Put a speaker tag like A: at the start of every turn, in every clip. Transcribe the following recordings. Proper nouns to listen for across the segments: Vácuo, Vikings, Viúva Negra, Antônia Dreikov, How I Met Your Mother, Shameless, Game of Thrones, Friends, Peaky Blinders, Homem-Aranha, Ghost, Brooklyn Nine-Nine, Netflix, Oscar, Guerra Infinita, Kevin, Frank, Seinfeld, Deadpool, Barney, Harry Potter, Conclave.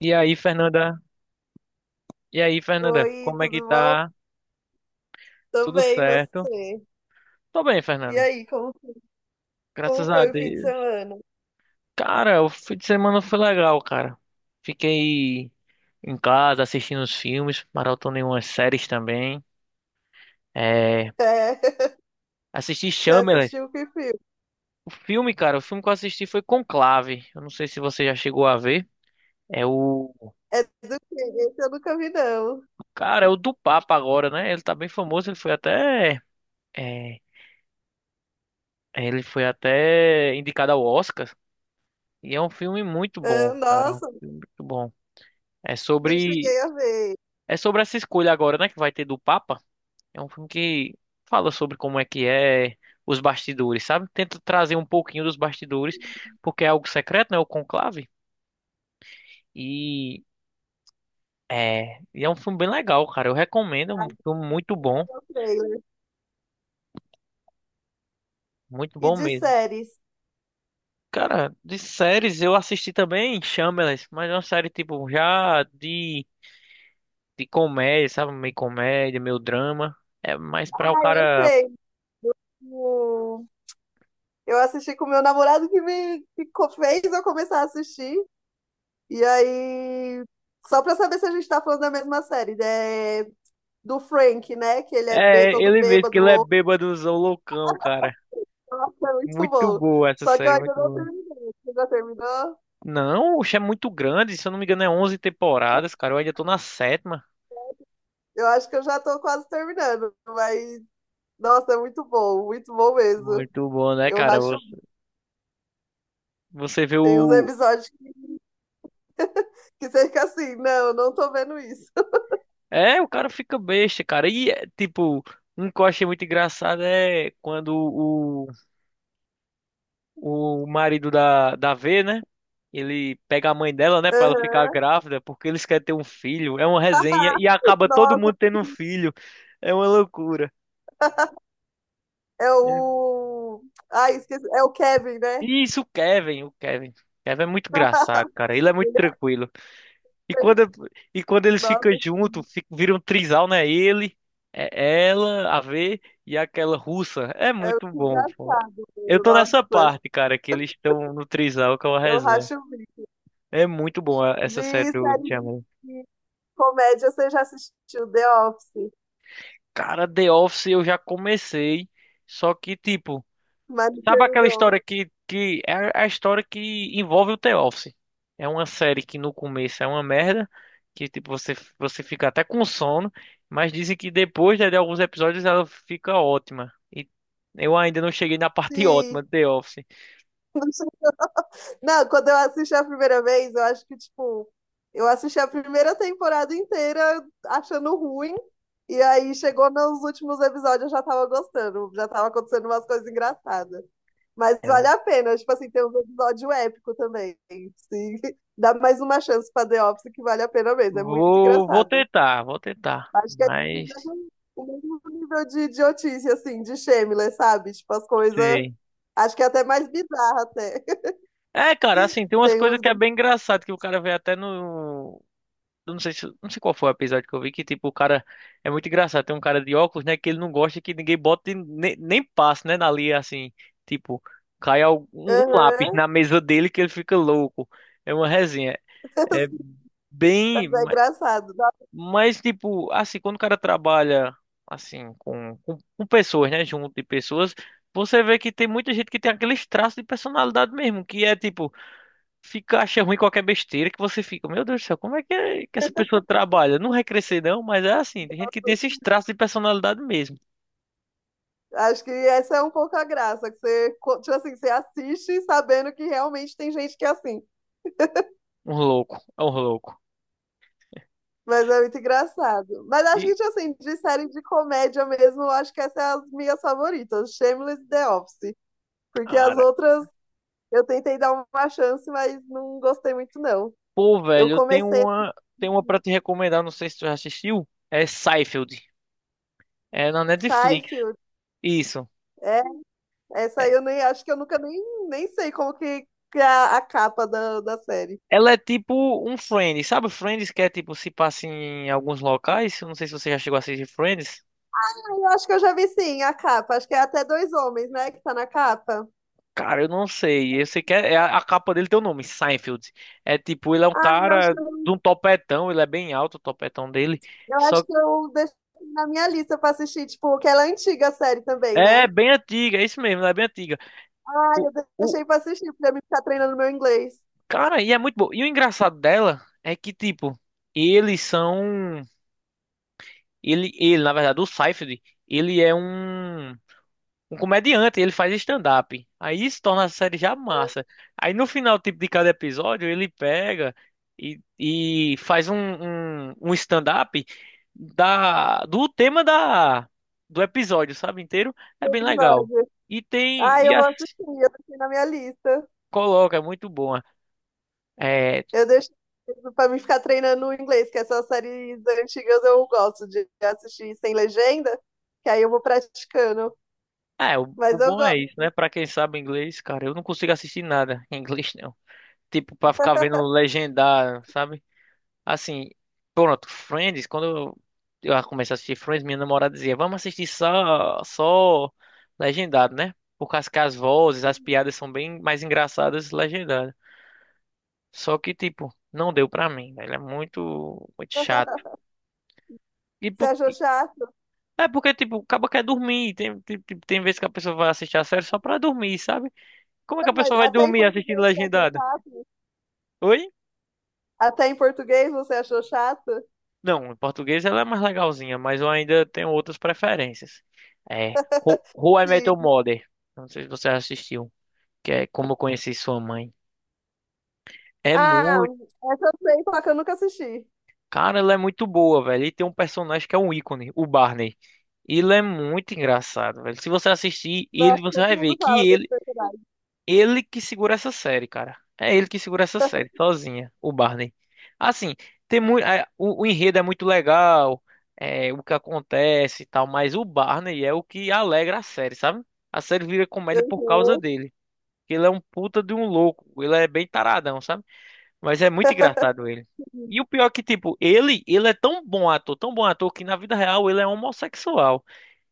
A: E aí, Fernanda? E aí, Fernanda?
B: Oi,
A: Como é que
B: tudo bom?
A: tá?
B: Tô
A: Tudo
B: bem, e
A: certo?
B: você?
A: Tô bem,
B: E
A: Fernanda.
B: aí, como
A: Graças a
B: foi o fim de
A: Deus.
B: semana?
A: Cara, o fim de semana foi legal, cara. Fiquei em casa assistindo os filmes, maratonei umas séries também. É,
B: É,
A: assisti
B: você
A: Shameless.
B: assistiu que filme?
A: O filme, cara, o filme que eu assisti foi Conclave. Eu não sei se você já chegou a ver. É o.
B: É do quê? Esse eu nunca vi, não.
A: Cara, é o do Papa agora, né? Ele tá bem famoso, ele foi até. é, ele foi até indicado ao Oscar. E é um filme muito
B: Ah,
A: bom, cara. É um
B: nossa,
A: filme muito bom. É
B: não
A: sobre,
B: cheguei a ver.
A: é sobre essa escolha agora, né? Que vai ter do Papa. É um filme que fala sobre como é que é os bastidores, sabe? Tenta trazer um pouquinho dos bastidores, porque é algo secreto, né? O conclave. E e é um filme bem legal, cara. Eu recomendo. É um
B: Ah,
A: filme muito bom.
B: é o trailer.
A: Muito
B: E
A: bom
B: de
A: mesmo.
B: séries?
A: Cara, de séries eu assisti também Shameless, mas é uma série tipo já de comédia, sabe? Meio comédia, meio drama. É mais pra o
B: Ah, eu
A: cara.
B: sei. O- Eu assisti com o meu namorado que fez eu começar a assistir. E aí, só pra saber se a gente tá falando da mesma série, né? Do Frank, né? Que ele é
A: É,
B: todo
A: ele mesmo, que
B: bêbado,
A: ele é
B: louco.
A: bêbadozão loucão, cara.
B: Nossa, é muito
A: Muito
B: bom.
A: boa essa
B: Só que eu
A: série,
B: ainda
A: muito
B: não
A: boa.
B: terminei. Você já terminou?
A: Não, o é muito grande, se eu não me engano é 11 temporadas, cara. Eu ainda tô na sétima.
B: Eu acho que eu já tô quase terminando, mas nossa, é muito bom mesmo.
A: Muito bom, né,
B: Eu
A: cara?
B: racho.
A: Você vê
B: Tem uns
A: o...
B: episódios que você fica assim, não, não tô vendo isso.
A: É, o cara fica besta, cara. E, é, tipo, um que eu achei muito engraçado é quando o marido da V, né? Ele pega a mãe dela, né, pra ela ficar
B: Aham.
A: grávida, porque eles querem ter um filho. É uma resenha e acaba todo
B: Nossa,
A: mundo tendo um filho. É uma loucura.
B: é
A: É.
B: o. Ai, esqueci. É o Kevin, né?
A: Isso, o Kevin. O Kevin é muito engraçado, cara. Ele é muito
B: Ele
A: tranquilo. E
B: é-
A: quando, e quando eles ficam
B: Nossa,
A: juntos, fica, vira um trisal, né? Ele, é ela, a V e aquela russa. É
B: é
A: muito
B: muito
A: bom, pô.
B: engraçado,
A: Eu
B: mano.
A: tô nessa
B: Nossa,
A: parte, cara, que eles estão no trisal que é uma
B: eu
A: resenha.
B: racho o bico.
A: É muito bom a-
B: De
A: essa série do
B: série
A: Shyamalan.
B: de comédia, você já assistiu The Office,
A: Cara, The Office eu já comecei, só que tipo.
B: mas não
A: Sabe aquela
B: terminou?
A: história que é a história que envolve o The Office? É uma série que no começo é uma merda, que tipo, você fica até com sono, mas dizem que depois né, de alguns episódios ela fica ótima. E eu ainda não cheguei na parte
B: Sim.
A: ótima do The Office.
B: Não, quando eu assisti a primeira vez, eu acho que, tipo, eu assisti a primeira temporada inteira achando ruim, e aí chegou nos últimos episódios, eu já tava gostando, já tava acontecendo umas coisas engraçadas. Mas vale
A: É.
B: a pena, tipo assim, tem um episódio épico também. Sim. Dá mais uma chance pra The Office que vale a pena mesmo, é muito
A: Vou
B: engraçado.
A: tentar, vou tentar.
B: Acho que é o
A: Mas
B: mesmo nível de idiotice, assim, de Shameless, sabe? Tipo, as coisas.
A: sei.
B: Acho que é até mais bizarra, até.
A: É, cara, assim, tem umas
B: Tem
A: coisas
B: uns.
A: que é bem engraçado, que o cara vê até no. Eu não sei se, não sei qual foi o episódio que eu vi que, tipo, o cara é muito engraçado. Tem um cara de óculos, né, que ele não gosta que ninguém bote nem passe, né, ali assim, tipo, cai algum- um lápis
B: Aham.
A: na mesa dele que ele fica louco. É uma resenha. É bem,
B: Mas é
A: ma-
B: engraçado. Nossa,
A: mas tipo, assim, quando o cara trabalha assim com pessoas, né, junto de pessoas, você vê que tem muita gente que tem aqueles traços de personalidade mesmo, que é tipo fica, acha ruim qualquer besteira que você fica, meu Deus do céu, é que essa pessoa trabalha? Não vai crescer não, mas é assim, tem gente que tem esses traços de personalidade mesmo.
B: acho que essa é um pouco a graça, que você, tipo assim, você assiste sabendo que realmente tem gente que é assim.
A: Um louco, é um louco.
B: Mas é muito engraçado. Mas acho que,
A: E,
B: tipo assim, de série de comédia mesmo, eu acho que essas são as minhas favoritas, Shameless e The Office. Porque as
A: cara,
B: outras eu tentei dar uma chance, mas não gostei muito, não.
A: pô,
B: Eu
A: velho,
B: comecei
A: tenho uma pra te recomendar, não sei se tu já assistiu, é Seinfeld, é na Netflix,
B: Seinfeld,
A: isso.
B: é, essa aí eu nem acho que eu nunca nem sei como que é a capa da série.
A: Ela é tipo um Friends, sabe Friends que é tipo se passa em alguns locais? Eu não sei se você já chegou a assistir Friends.
B: Ah, eu acho que eu já vi sim a capa, acho que é até dois homens, né, que tá na capa.
A: Cara, eu não sei. Eu sei que é a capa dele tem o nome, Seinfeld. É tipo, ele é um
B: Ah, eu acho
A: cara
B: que eu,
A: de um topetão, ele é bem alto, o topetão dele.
B: eu
A: Só
B: acho que eu deixei na minha lista pra assistir, tipo, que ela é antiga a série também,
A: é
B: né?
A: bem antiga, é isso mesmo, ela é bem antiga.
B: Ah,
A: O,
B: eu
A: o
B: deixei pra assistir, pra mim ficar treinando meu inglês.
A: cara, e é muito bom. E o engraçado dela é que tipo, eles são ele ele, na verdade, o Seinfeld, ele é um um comediante, ele faz stand-up. Aí isso torna a série já
B: Né,
A: massa. Aí no final, tipo, de cada episódio, ele pega e faz um, um, um stand-up da, do tema da, do episódio, sabe, inteiro. É bem legal.
B: episódio.
A: E tem,
B: Ah, eu
A: e
B: vou
A: as,
B: assistir, eu deixei na minha lista.
A: coloca, é muito bom. É,
B: Eu deixo pra mim ficar treinando o inglês, que essas séries antigas eu gosto de assistir sem legenda, que aí eu vou praticando.
A: o
B: Mas eu
A: bom é isso,
B: gosto.
A: né? Pra quem sabe inglês, cara, eu não consigo assistir nada em inglês, não. Tipo, pra ficar vendo legendar, sabe? Assim, pronto, Friends, quando eu comecei a assistir Friends, minha namorada dizia, vamos assistir só legendado, né? Por causa que as vozes, as piadas são bem mais engraçadas legendadas. Só que, tipo, não deu pra mim, velho. É muito, muito chato. E
B: Você
A: por,
B: achou chato?
A: é porque, tipo, o cabo quer dormir. Tem vezes que a pessoa vai assistir a série só pra dormir, sabe? Como é que a
B: Não, mas
A: pessoa vai
B: até em
A: dormir assistindo
B: português você achou
A: legendado?
B: chato?
A: Oi?
B: Até em português você achou chato?
A: Não, em português ela é mais legalzinha, mas eu ainda tenho outras preferências. É Ho- How I Met Your
B: Sim.
A: Mother. Não sei se você assistiu, que é Como Eu Conheci Sua Mãe. É
B: Ah,
A: muito,
B: essa eu sei, só que eu nunca assisti.
A: cara, ela é muito boa, velho. E tem um personagem que é um ícone, o Barney. Ele é muito engraçado, velho. Se você assistir ele,
B: Nossa,
A: você
B: todo
A: vai ver
B: mundo fala
A: que
B: desse
A: ele.
B: personagem.
A: Ele que segura essa série, cara. É ele que segura essa série, sozinha, o Barney. Assim, tem muito, o enredo é muito legal, é, o que acontece e tal, mas o Barney é o que alegra a série, sabe? A série vira comédia por causa dele. Ele é um puta de um louco, ele é bem taradão, sabe? Mas é muito engraçado ele. E o
B: Uhum.
A: pior é que, tipo, ele é tão bom ator, que na vida real ele é homossexual.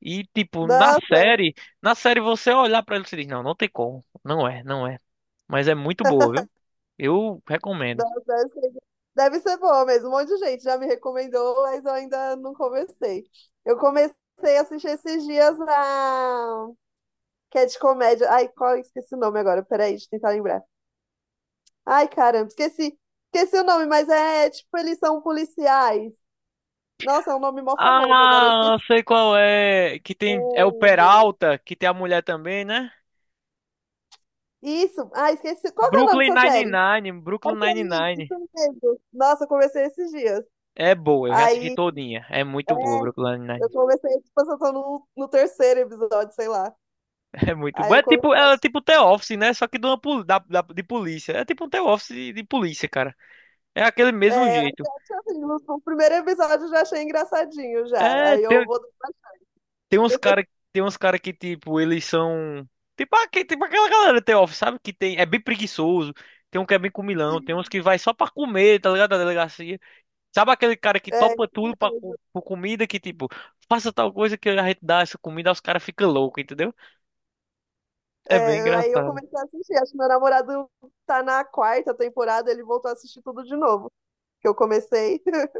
A: E, tipo,
B: Nossa,
A: na série você olhar pra ele e você diz, não, não tem como. Não é, não é. Mas é muito boa, viu? Eu recomendo.
B: nossa, deve ser boa mesmo. Um monte de gente já me recomendou, mas eu ainda não comecei. Eu comecei a assistir esses dias a que é de comédia. Ai, qual esqueci o nome agora? Peraí, deixa eu tentar lembrar. Ai, caramba, esqueci. Esqueci o nome, mas é tipo, eles são policiais. Nossa, é um nome mó famoso, agora eu
A: Ah,
B: esqueci.
A: sei qual é. Que tem. É o
B: O-
A: Peralta, que tem a mulher também, né?
B: Isso, ah, esqueci. Qual que é o nome
A: Brooklyn
B: dessa série? É
A: Nine-Nine. Brooklyn
B: aí,
A: Nine-Nine.
B: isso mesmo. Nossa, eu comecei esses dias.
A: É boa, eu já assisti
B: Aí
A: todinha. É muito boa,
B: é,
A: Brooklyn
B: eu
A: Nine-Nine.
B: comecei, tipo, eu tô no terceiro episódio, sei lá.
A: É muito
B: Aí
A: boa.
B: eu comecei.
A: É tipo The Office, né? Só que de, uma, pol- da, da- de polícia. É tipo um The Office de polícia, cara. É aquele mesmo
B: É, eu
A: jeito.
B: assim, no primeiro episódio eu já achei engraçadinho já.
A: É,
B: Aí eu
A: tem,
B: vou.
A: Tem uns cara, tem uns cara que, tipo, eles são. Tipo, aque- tipo aquela galera do The Office, sabe? Que tem. É bem preguiçoso. Tem um que é bem comilão. Tem uns
B: Sim.
A: que vai só pra comer, tá ligado? Da delegacia. Sabe aquele cara que
B: É,
A: topa tudo pra, co- por comida que, tipo, faça tal coisa que a gente dá essa comida, os caras ficam loucos, entendeu? É bem
B: é, aí eu
A: engraçado.
B: comecei a assistir. Acho que meu namorado tá na quarta temporada, ele voltou a assistir tudo de novo. Que eu comecei.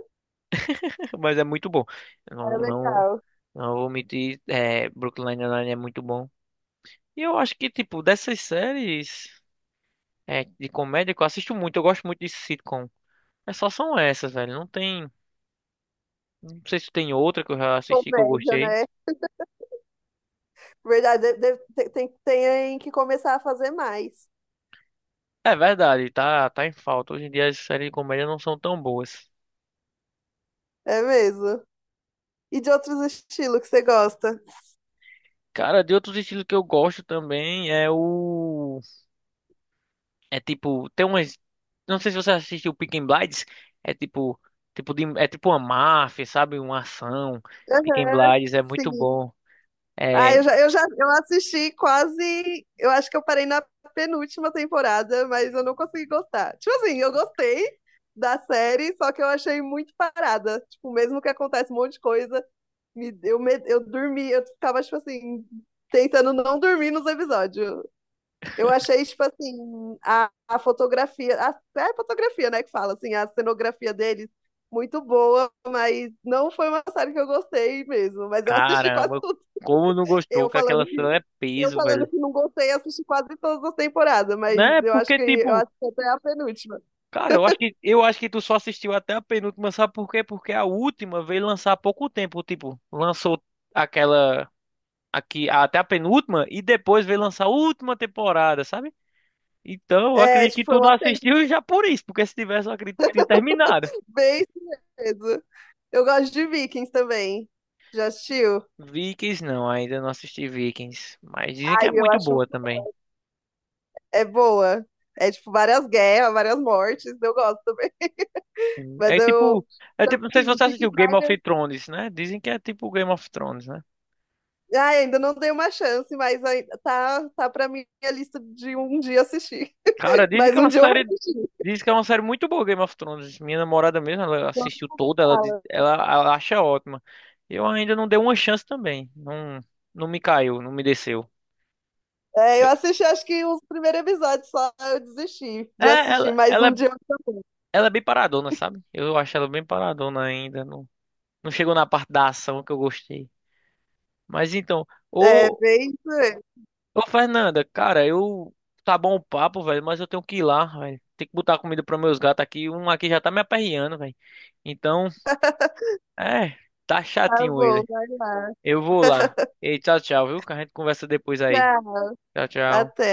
A: Mas é muito bom. Eu não,
B: É
A: não,
B: legal.
A: não vou mentir. É, Brooklyn Nine-Nine é muito bom. E eu acho que, tipo, dessas séries é, de comédia que eu assisto muito, eu gosto muito de sitcom. É só são essas, velho. Não tem. Não sei se tem outra que eu já assisti que eu
B: Comédia,
A: gostei.
B: né? Verdade, tem que começar a fazer mais.
A: É verdade, tá, tá em falta. Hoje em dia as séries de comédia não são tão boas.
B: É mesmo. E de outros estilos que você gosta?
A: Cara, de outros estilos que eu gosto também é o. É tipo. Tem umas. Não sei se você assistiu Peaky Blinders. É tipo. Tipo de... É tipo uma máfia, sabe? Uma ação. Peaky
B: Aham,
A: Blinders é muito
B: sim.
A: bom. É.
B: Ah, eu assisti quase. Eu acho que eu parei na penúltima temporada, mas eu não consegui gostar. Tipo assim, eu gostei da série, só que eu achei muito parada. Tipo, mesmo que acontece um monte de coisa, eu dormi, eu ficava, tipo assim, tentando não dormir nos episódios. Eu achei, tipo assim, a fotografia, é a fotografia, né, que fala, assim, a cenografia deles. Muito boa, mas não foi uma série que eu gostei mesmo. Mas eu assisti quase
A: Caramba,
B: tudo.
A: como não gostou
B: Eu
A: que
B: falando
A: aquela
B: que
A: cena é
B: eu
A: peso,
B: falando
A: velho.
B: que não gostei, assisti quase todas as temporadas, mas
A: Né?
B: eu acho
A: Porque,
B: que eu
A: tipo.
B: acho que até a penúltima.
A: Cara, eu acho que tu só assistiu até a penúltima, sabe por quê? Porque a última veio lançar há pouco tempo, tipo, lançou aquela aqui até a penúltima e depois veio lançar a última temporada, sabe? Então, eu
B: É,
A: acredito
B: tipo,
A: que
B: foi
A: tu
B: um
A: não
B: atento,
A: assistiu já por isso, porque se tivesse, eu acredito que tinha terminado.
B: bem surpresa. Eu gosto de Vikings também. Já assistiu?
A: Vikings não, ainda não assisti Vikings, mas dizem que
B: Ai,
A: é
B: eu
A: muito
B: acho
A: boa também.
B: é boa. É tipo várias guerras, várias mortes, eu gosto também. Mas
A: É
B: eu
A: tipo, é tipo, não sei se
B: assim,
A: você
B: Peaky
A: assistiu Game
B: Blinders,
A: of Thrones, né? Dizem que é tipo Game of Thrones, né?
B: ai, ainda não dei uma chance, mas tá para minha lista de um dia assistir.
A: Cara, dizem que
B: Mas
A: é
B: um
A: uma
B: dia eu vou
A: série.
B: assistir.
A: Dizem que é uma série muito boa, Game of Thrones. Minha namorada mesmo, ela
B: Então,
A: assistiu toda, ela, diz-
B: fala.
A: ela acha ótima. Eu ainda não dei uma chance também. Não, não me caiu, não me desceu.
B: É, eu
A: Eu-
B: assisti acho que os primeiros episódios só, eu desisti
A: é,
B: de assistir mais
A: é,
B: um dia. Eu também.
A: ela é bem paradona, sabe? Eu acho ela bem paradona ainda. Não, não chegou na parte da ação que eu gostei. Mas então,
B: É,
A: ô,
B: bem isso aí.
A: ô Fernanda, cara, eu. Tá bom o papo, velho, mas eu tenho que ir lá, velho. Tem que botar comida para meus gatos aqui. Um aqui já tá me aperreando, velho. Então. É, tá
B: Tá
A: chatinho
B: bom,
A: ele.
B: vai lá.
A: Eu vou lá. Ei, tchau, tchau, viu? Que a gente conversa depois aí.
B: Tchau,
A: Tchau, tchau.
B: até.